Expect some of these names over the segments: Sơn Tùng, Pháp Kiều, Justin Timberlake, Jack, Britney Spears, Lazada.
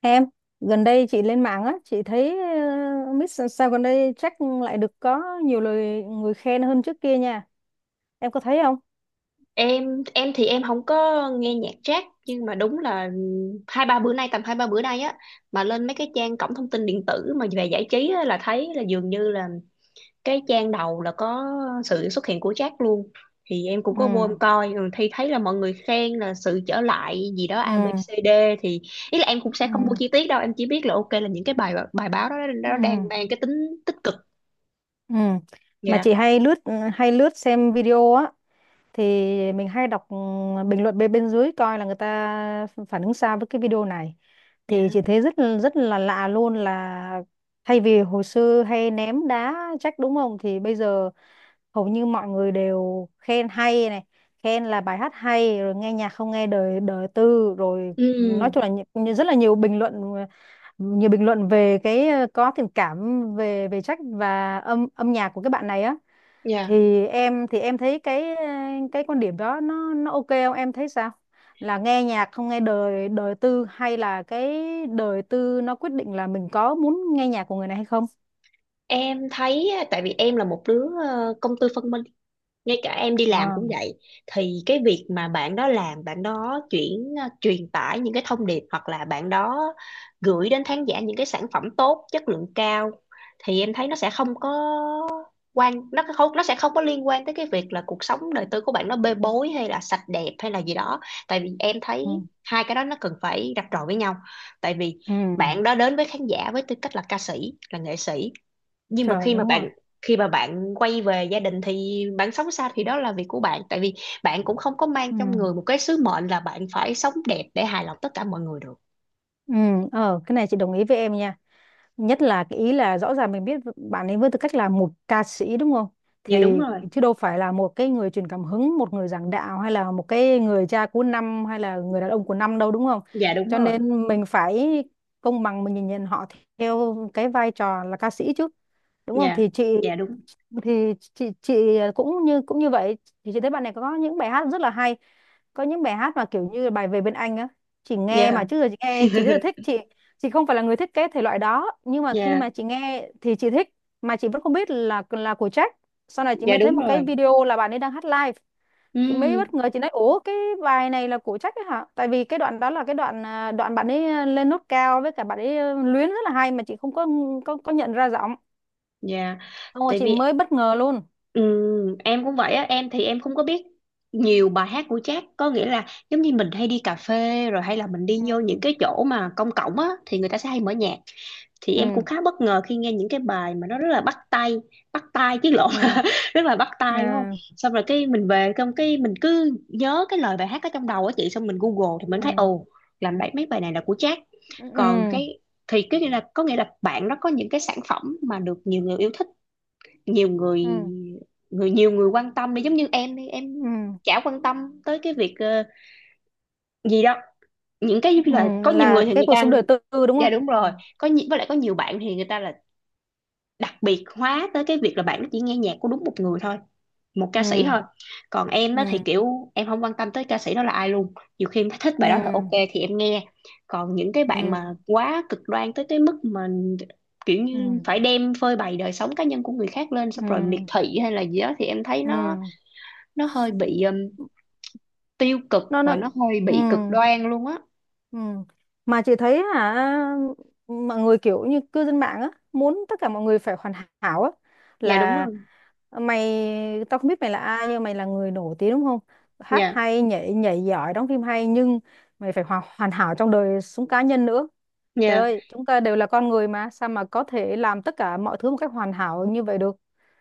Em, gần đây chị lên mạng á, chị thấy Miss sao gần đây chắc lại được có nhiều lời người khen hơn trước kia nha. Em có thấy không? Em thì em không có nghe nhạc jazz, nhưng mà đúng là hai ba bữa nay, tầm hai ba bữa nay á, mà lên mấy cái trang cổng thông tin điện tử mà về giải trí á, là thấy là dường như là cái trang đầu là có sự xuất hiện của jazz luôn. Thì em cũng Ừ, có vô em coi, thì thấy là mọi người khen là sự trở lại gì đó A ừ, ABCD. Thì ý là em cũng sẽ ừ, không mua chi tiết đâu, em chỉ biết là ok là những cái bài bài báo đó ừ, nó đang mang cái tính tích cực. ừ. Mà chị Dạ. hay lướt xem video á, thì mình hay đọc, bình luận bên bên dưới coi là người ta phản ứng sao với cái video này. Thì Dạ. chị thấy rất rất là lạ luôn, là thay vì hồi xưa hay ném đá trách, đúng không, thì bây giờ hầu như mọi người đều khen hay này, khen là bài hát hay rồi, nghe nhạc không nghe đời đời tư rồi, nói chung Ừ. là rất là nhiều bình luận về cái, có tình cảm về về trách và âm âm nhạc của các bạn này á. Dạ. Thì em thấy cái, cái quan điểm đó nó ok không, em thấy sao? Là nghe nhạc không nghe đời đời tư hay là cái đời tư nó quyết định là mình có muốn nghe nhạc của người này hay không? Em thấy á, tại vì em là một đứa công tư phân minh, ngay cả em đi làm À, cũng vậy. Thì cái việc mà bạn đó làm, bạn đó truyền tải những cái thông điệp hoặc là bạn đó gửi đến khán giả những cái sản phẩm tốt, chất lượng cao, thì em thấy nó sẽ không có quan, nó không, nó sẽ không có liên quan tới cái việc là cuộc sống đời tư của bạn nó bê bối hay là sạch đẹp hay là gì đó. Tại vì em thấy ừ. hai cái đó nó cần phải rạch ròi với nhau. Tại vì Ừ. bạn đó đến với khán giả với tư cách là ca sĩ, là nghệ sĩ, nhưng mà Trời, khi mà đúng rồi. bạn khi mà bạn quay về gia đình thì bạn sống sao thì đó là việc của bạn. Tại vì bạn cũng không có mang Ừ. trong người một cái sứ mệnh là bạn phải sống đẹp để hài lòng tất cả mọi người được. Ừ. Cái này chị đồng ý với em nha, nhất là cái ý là rõ ràng mình biết bạn ấy với tư cách là một ca sĩ, đúng không, Dạ đúng thì rồi. chứ đâu phải là một cái người truyền cảm hứng, một người giảng đạo hay là một cái người cha của năm hay là người đàn ông của năm đâu, đúng không, Dạ đúng cho rồi. nên mình phải công bằng, mình nhìn nhận họ theo cái vai trò là ca sĩ chứ, đúng không. Dạ. thì chị Dạ đúng. thì chị chị cũng như vậy, thì chị thấy bạn này có những bài hát rất là hay, có những bài hát mà kiểu như bài Về bên anh á, chị nghe mà Dạ. trước giờ chị nghe chị rất là thích, chị không phải là người thiết kế thể loại đó nhưng mà khi Dạ. mà chị nghe thì chị thích, mà chị vẫn không biết là của Jack. Sau này chị Dạ mới thấy đúng một cái rồi. video là bạn ấy đang hát live, chị mới bất Ừ. ngờ, chị nói ủa, cái bài này là của Jack ấy hả? Tại vì cái đoạn đó là cái đoạn bạn ấy lên nốt cao, với cả bạn ấy luyến rất là hay mà chị không có nhận ra giọng. Dạ. Xong rồi Tại chị vì mới bất ngờ luôn. ừ, em cũng vậy á, em thì em không có biết nhiều bài hát của Jack. Có nghĩa là giống như mình hay đi cà phê rồi hay là mình đi vô Ừ, những cái chỗ mà công cộng á thì người ta sẽ hay mở nhạc, thì em cũng ừ, khá bất ngờ khi nghe những cái bài mà nó rất là bắt tay, bắt tai chứ lộn, ừ, rất là bắt tai đúng không. ừ, Xong rồi cái mình về xong cái mình cứ nhớ cái lời bài hát ở trong đầu á chị, xong mình Google thì mình ừ, thấy ồ, làm bài mấy bài này là của Jack. ừ, ừ, Còn cái, thì cái nghĩa là có nghĩa là bạn nó có những cái sản phẩm mà được nhiều người yêu thích, nhiều người ừ, nhiều người quan tâm đi, giống như em đi, em ừ, chả quan tâm tới cái việc gì đâu. Những cái ừ, giống như là có nhiều là người thì cái người cuộc ta, sống đời tư, đúng dạ không? đúng Ừ, rồi, với lại có nhiều bạn thì người ta là đặc biệt hóa tới cái việc là bạn nó chỉ nghe nhạc của đúng một người thôi, một ca sĩ ừ, thôi. Còn em đó thì ừ, kiểu em không quan tâm tới ca sĩ đó là ai luôn, nhiều khi em thích ừ, bài đó là ok ừ. thì em nghe. Còn những cái Ừ, bạn mà quá cực đoan tới cái mức mà kiểu ừ, như phải đem phơi bày đời sống cá nhân của người khác lên xong rồi miệt ừ, thị hay là gì đó, thì em thấy nó ừ, nó hơi bị tiêu cực và nó nó hơi ừ, bị cực đoan luôn á. ừ, mà chị thấy hả, mọi người kiểu như cư dân mạng á muốn tất cả mọi người phải hoàn hảo á, Dạ đúng là rồi. mày, tao không biết mày là ai nhưng mày là người nổi tiếng, đúng không, hát Dạ. hay, nhảy nhảy giỏi, đóng phim hay, nhưng mày phải hoàn hoàn hảo trong đời sống cá nhân nữa. Trời Dạ. ơi, chúng ta đều là con người mà, sao mà có thể làm tất cả mọi thứ một cách hoàn hảo như vậy được?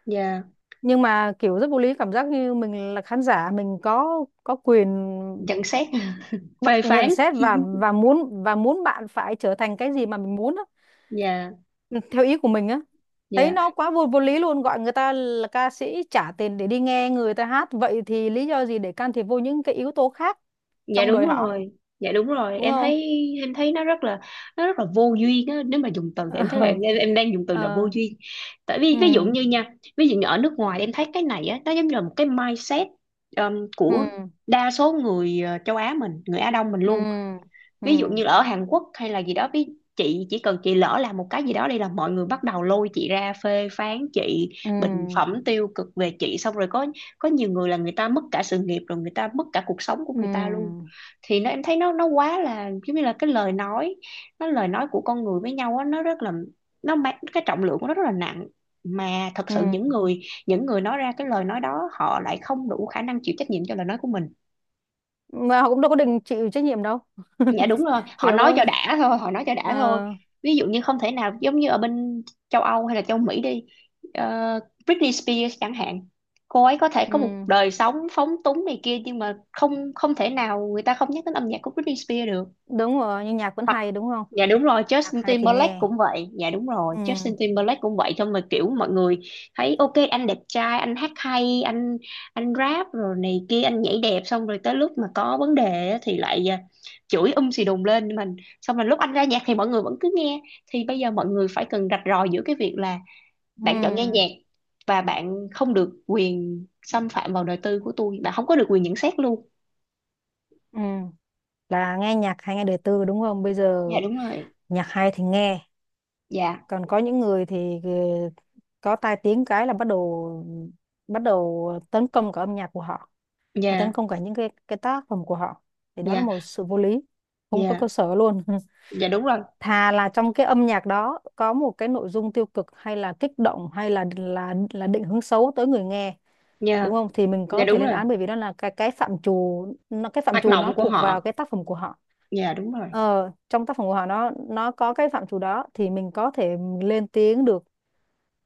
Dạ. Nhưng mà kiểu rất vô lý, cảm giác như mình là khán giả, mình có quyền Nhận xét. Phê nhận phán. xét và muốn bạn phải trở thành cái gì mà mình muốn á, Dạ. ừ, theo ý của mình á. Thấy Dạ. nó quá vô vô lý luôn, gọi người ta là ca sĩ, trả tiền để đi nghe người ta hát, vậy thì lý do gì để can thiệp vô những cái yếu tố khác Dạ trong đúng đời họ, rồi. Dạ đúng rồi. đúng em không? thấy em thấy nó rất là vô duyên á, nếu mà dùng từ thì em thấy là em, Ờ. em em đang dùng từ là Ờ. vô duyên. Tại vì Ừ, ví dụ như ở nước ngoài em thấy cái này á nó giống như là một cái mindset của ừ, đa số người châu Á mình, người Á Đông mình ừ, luôn. ừ, Ví dụ như ở Hàn Quốc hay là gì đó, chị chỉ cần chị lỡ làm một cái gì đó đây là mọi người bắt đầu lôi chị ra phê phán chị, ừ, bình ừ, phẩm tiêu cực về chị. Xong rồi có nhiều người là người ta mất cả sự nghiệp rồi người ta mất cả cuộc sống của ừ, người ta luôn. ừ, Thì nó em thấy nó quá là giống như là cái lời nói, lời nói của con người với nhau á, nó rất là nó mang cái trọng lượng của nó rất là nặng. Mà thật sự những ừ. người những người nói ra cái lời nói đó họ lại không đủ khả năng chịu trách nhiệm cho lời nói của mình. Mà họ cũng đâu có đừng chịu trách nhiệm đâu. Dạ đúng rồi, họ Hiểu nói không? cho đã thôi, họ nói cho đã thôi. Ờ. Ví dụ như không thể nào, giống như ở bên châu Âu hay là châu Mỹ đi, ờ, Britney Spears chẳng hạn. Cô ấy có thể có một Ừ. đời sống phóng túng này kia, nhưng mà không không thể nào người ta không nhắc đến âm nhạc của Britney Spears được. Đúng rồi, nhưng nhạc vẫn hay, đúng không? Dạ đúng rồi, Nhạc Justin hay thì Timberlake nghe. cũng vậy. Dạ đúng rồi, Justin Ừ, Timberlake cũng vậy thôi. Mà kiểu mọi người thấy ok anh đẹp trai, anh hát hay, anh rap rồi này kia, anh nhảy đẹp. Xong rồi tới lúc mà có vấn đề á thì lại chửi xì đùng lên mình. Xong rồi lúc anh ra nhạc thì mọi người vẫn cứ nghe. Thì bây giờ mọi người phải cần rạch ròi giữa cái việc là bạn chọn nghe ừ, nhạc, và bạn không được quyền xâm phạm vào đời tư của tôi, bạn không có được quyền nhận xét luôn. ừ, là nghe nhạc hay nghe đời tư, đúng không, bây giờ Dạ đúng rồi. nhạc hay thì nghe. Dạ. Còn có những người thì, có tai tiếng cái là bắt đầu tấn công cả âm nhạc của họ, và tấn Dạ. công cả những cái tác phẩm của họ, thì đó là Dạ. một sự vô lý, không có cơ Dạ. sở luôn. Dạ đúng rồi. Thà là trong cái âm nhạc đó có một cái nội dung tiêu cực hay là kích động hay là định hướng xấu tới người nghe, Dạ. đúng không, thì mình Dạ có thể đúng lên rồi. án, bởi vì đó là cái phạm trù nó cái phạm Hoạt trù động nó của thuộc họ. vào cái tác phẩm của họ. Dạ đúng rồi. Trong tác phẩm của họ nó có cái phạm trù đó thì mình có thể lên tiếng được,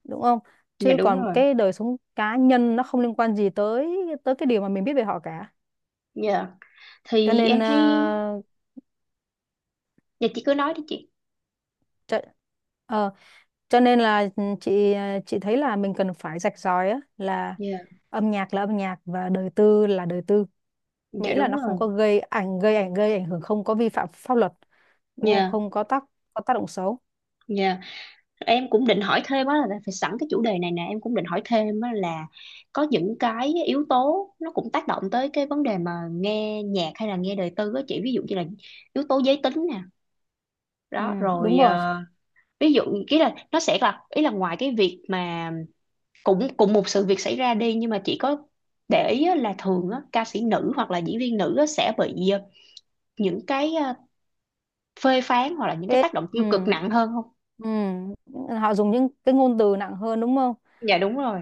đúng không. Dạ Chứ đúng còn rồi. cái đời sống cá nhân nó không liên quan gì tới tới cái điều mà mình biết về họ cả. Dạ. cho Thì nên em ờ, thấy. Dạ chị cứ nói đi chị. cho, ờ, cho nên là chị thấy là mình cần phải rạch ròi á, Dạ. Là âm nhạc và đời tư là đời tư, Dạ miễn là đúng nó không rồi. có gây ảnh hưởng, không có vi phạm pháp luật, đúng không, Dạ. không có tác động xấu. Dạ. Em cũng định hỏi thêm á là, phải sẵn cái chủ đề này nè, em cũng định hỏi thêm á là có những cái yếu tố nó cũng tác động tới cái vấn đề mà nghe nhạc hay là nghe đời tư á chị, ví dụ như là yếu tố giới tính nè. Ừ, Đó đúng rồi, rồi. Ví dụ, ý là nó sẽ là ý là ngoài cái việc mà cũng cùng một sự việc xảy ra đi, nhưng mà chị có để ý á, là thường á, ca sĩ nữ hoặc là diễn viên nữ á, sẽ bị những cái phê phán hoặc là những cái Thế- tác động ừ. tiêu cực nặng hơn không? Ừ. Họ dùng những cái ngôn từ nặng hơn, đúng không, Dạ đúng rồi.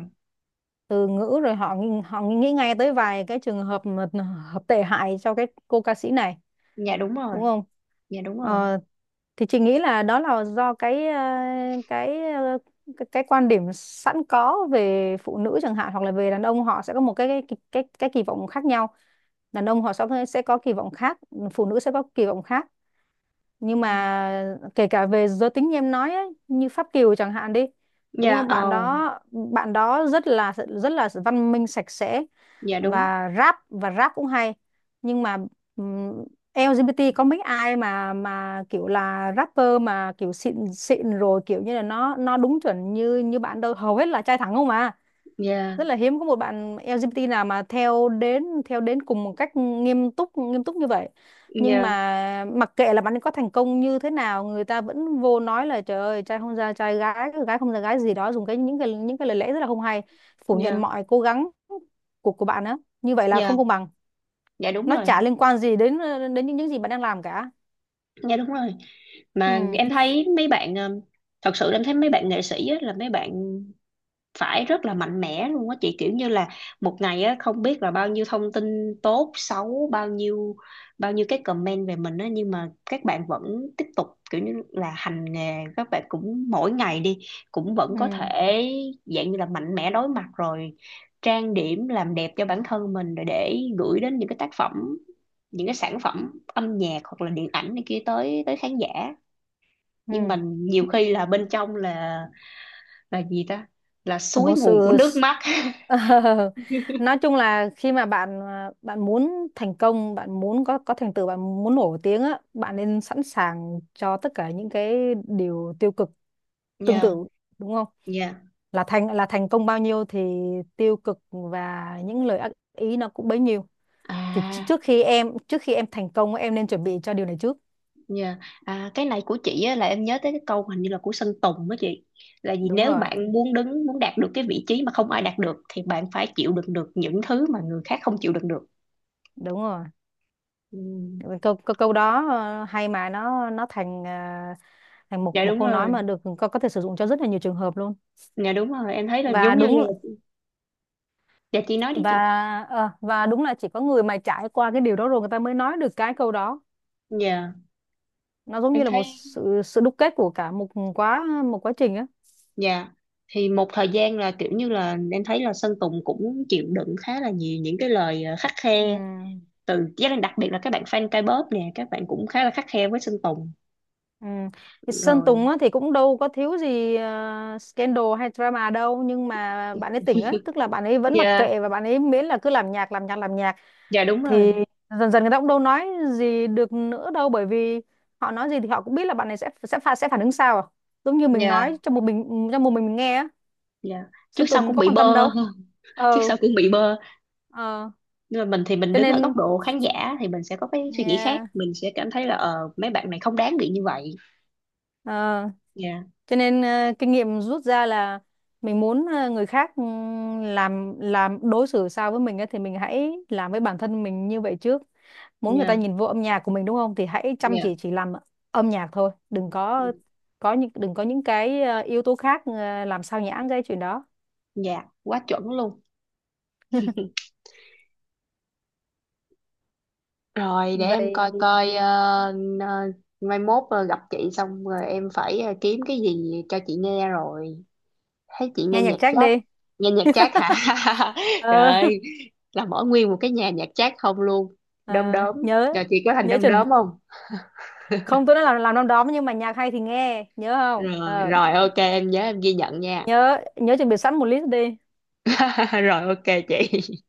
từ ngữ, rồi họ nghĩ ngay tới vài cái trường hợp mà hợp tệ hại cho cái cô ca sĩ này, Dạ đúng rồi. đúng không. Dạ đúng rồi. ờ, thì chị nghĩ là đó là do cái ờ, cái quan điểm sẵn có về phụ nữ chẳng hạn, hoặc là về đàn ông, họ sẽ có một cái kỳ vọng khác nhau. Đàn ông họ sẽ có kỳ vọng khác, phụ nữ sẽ có kỳ vọng khác, Ừ. nhưng mà kể cả về giới tính, như em nói ấy, như Pháp Kiều chẳng hạn đi, đúng Dạ không, bạn ồ. đó bạn đó rất là văn minh, sạch sẽ, Dạ đúng. và rap cũng hay, nhưng mà ừm, LGBT có mấy ai mà kiểu là rapper mà kiểu xịn xịn rồi, kiểu như là nó đúng chuẩn như như bạn đâu, hầu hết là trai thẳng không à. Dạ. Rất là hiếm có một bạn LGBT nào mà theo đến cùng một cách nghiêm túc như vậy. Nhưng Dạ. mà mặc kệ là bạn ấy có thành công như thế nào, người ta vẫn vô nói là trời ơi, trai không ra trai, gái gái không ra gái gì đó, dùng cái những cái những cái lời lẽ rất là không hay, phủ nhận Dạ. mọi cố gắng của bạn á. Như vậy là Dạ. không công bằng, Dạ đúng nó rồi. chả liên quan gì đến đến những gì bạn đang làm cả. Dạ đúng rồi. Mà Ừ, em thấy mấy bạn ờ, thật sự em thấy mấy bạn nghệ sĩ á, là mấy bạn phải rất là mạnh mẽ luôn á chị, kiểu như là một ngày á không biết là bao nhiêu thông tin tốt xấu, bao nhiêu cái comment về mình á, nhưng mà các bạn vẫn tiếp tục kiểu như là hành nghề. Các bạn cũng mỗi ngày đi cũng vẫn ừ, có thể dạng như là mạnh mẽ đối mặt rồi trang điểm làm đẹp cho bản thân mình rồi để gửi đến những cái tác phẩm, những cái sản phẩm âm nhạc hoặc là điện ảnh này kia tới tới khán giả. Nhưng ừ. mình nhiều khi là bên trong là gì ta, là Thật suối một sự nguồn của nước mắt. Ờ, nói chung là khi mà bạn muốn thành công, bạn muốn có thành tựu, bạn muốn nổi tiếng á, bạn nên sẵn sàng cho tất cả những cái điều tiêu cực tương Nhờ. tự, đúng không? Dạ. Là thành công bao nhiêu thì tiêu cực và những lời ác ý nó cũng bấy nhiêu. Thì tr- À trước khi em trước khi em thành công, em nên chuẩn bị cho điều này trước. nhờ, cái này của chị á, là em nhớ tới cái câu hình như là của Sơn Tùng đó chị, là gì, Đúng nếu rồi. bạn muốn đạt được cái vị trí mà không ai đạt được thì bạn phải chịu đựng được những thứ mà người khác không chịu đựng được. Đúng rồi. Ừ. Câu câu, câu đó hay mà nó thành thành một Dạ một đúng câu nói mà rồi. được có thể sử dụng cho rất là nhiều trường hợp luôn. Dạ đúng rồi. Em thấy là và giống như là. đúng Dạ chị nói đi và chị. ờ, và đúng là chỉ có người mà trải qua cái điều đó rồi, người ta mới nói được cái câu đó. Dạ. Nó giống Em như là thấy. một sự sự đúc kết của cả một quá trình á. Dạ thì một thời gian là kiểu như là em thấy là Sơn Tùng cũng chịu đựng khá là nhiều những cái lời khắt Ừ. khe từ gia đình, đặc biệt là các bạn fan K-pop nè, các bạn cũng khá là khắt khe với Sơn Tùng Ừ. Thì Sơn rồi. Tùng á, thì cũng đâu có thiếu gì scandal hay drama đâu, nhưng mà bạn ấy tỉnh á, tức là bạn ấy vẫn mặc Dạ. kệ, và bạn ấy miễn là cứ làm nhạc, làm nhạc, làm nhạc, Dạ đúng rồi. thì dần dần người ta cũng đâu nói gì được nữa đâu, bởi vì họ nói gì thì họ cũng biết là bạn này sẽ phản ứng sao à? Giống như mình nói Dạ. cho một mình mình nghe á, Dạ. Trước Sơn sau Tùng cũng có bị quan bơ. tâm đâu. Trước Ừ. sau cũng bị bơ. Ờ. Nhưng mà mình thì mình cho đứng ở nên góc độ khán giả thì mình sẽ có cái suy nghĩ khác, yeah. mình sẽ cảm thấy là mấy bạn này không đáng bị như vậy. ờ, Dạ. cho nên kinh nghiệm rút ra là mình muốn người khác làm đối xử sao với mình ấy, thì mình hãy làm với bản thân mình như vậy trước. Muốn người ta Dạ. nhìn vô âm nhạc của mình, đúng không, thì hãy chăm Dạ. chỉ làm âm nhạc thôi, đừng có những cái yếu tố khác làm sao nhãng cái chuyện đó. Dạ quá chuẩn luôn. Rồi để em coi Vậy coi, n- ờ, mai mốt gặp chị xong rồi em phải kiếm cái gì cho chị nghe rồi. Thấy chị nghe nghe nhạc nhạc Jack jazz, đi. nghe nhạc jazz hả, trời Ờ. ơi là mở nguyên một cái nhà nhạc jazz không luôn. Đom Ờ, đóm, nhớ, rồi chị có thành nhớ đom chuẩn đóm không? không, tôi nói là làm năm đó nhưng mà nhạc hay thì nghe, nhớ không? Rồi Ờ. rồi, ok em nhớ, em ghi nhận nha. Nhớ, nhớ chuẩn bị sẵn một list đi. Rồi ok chị.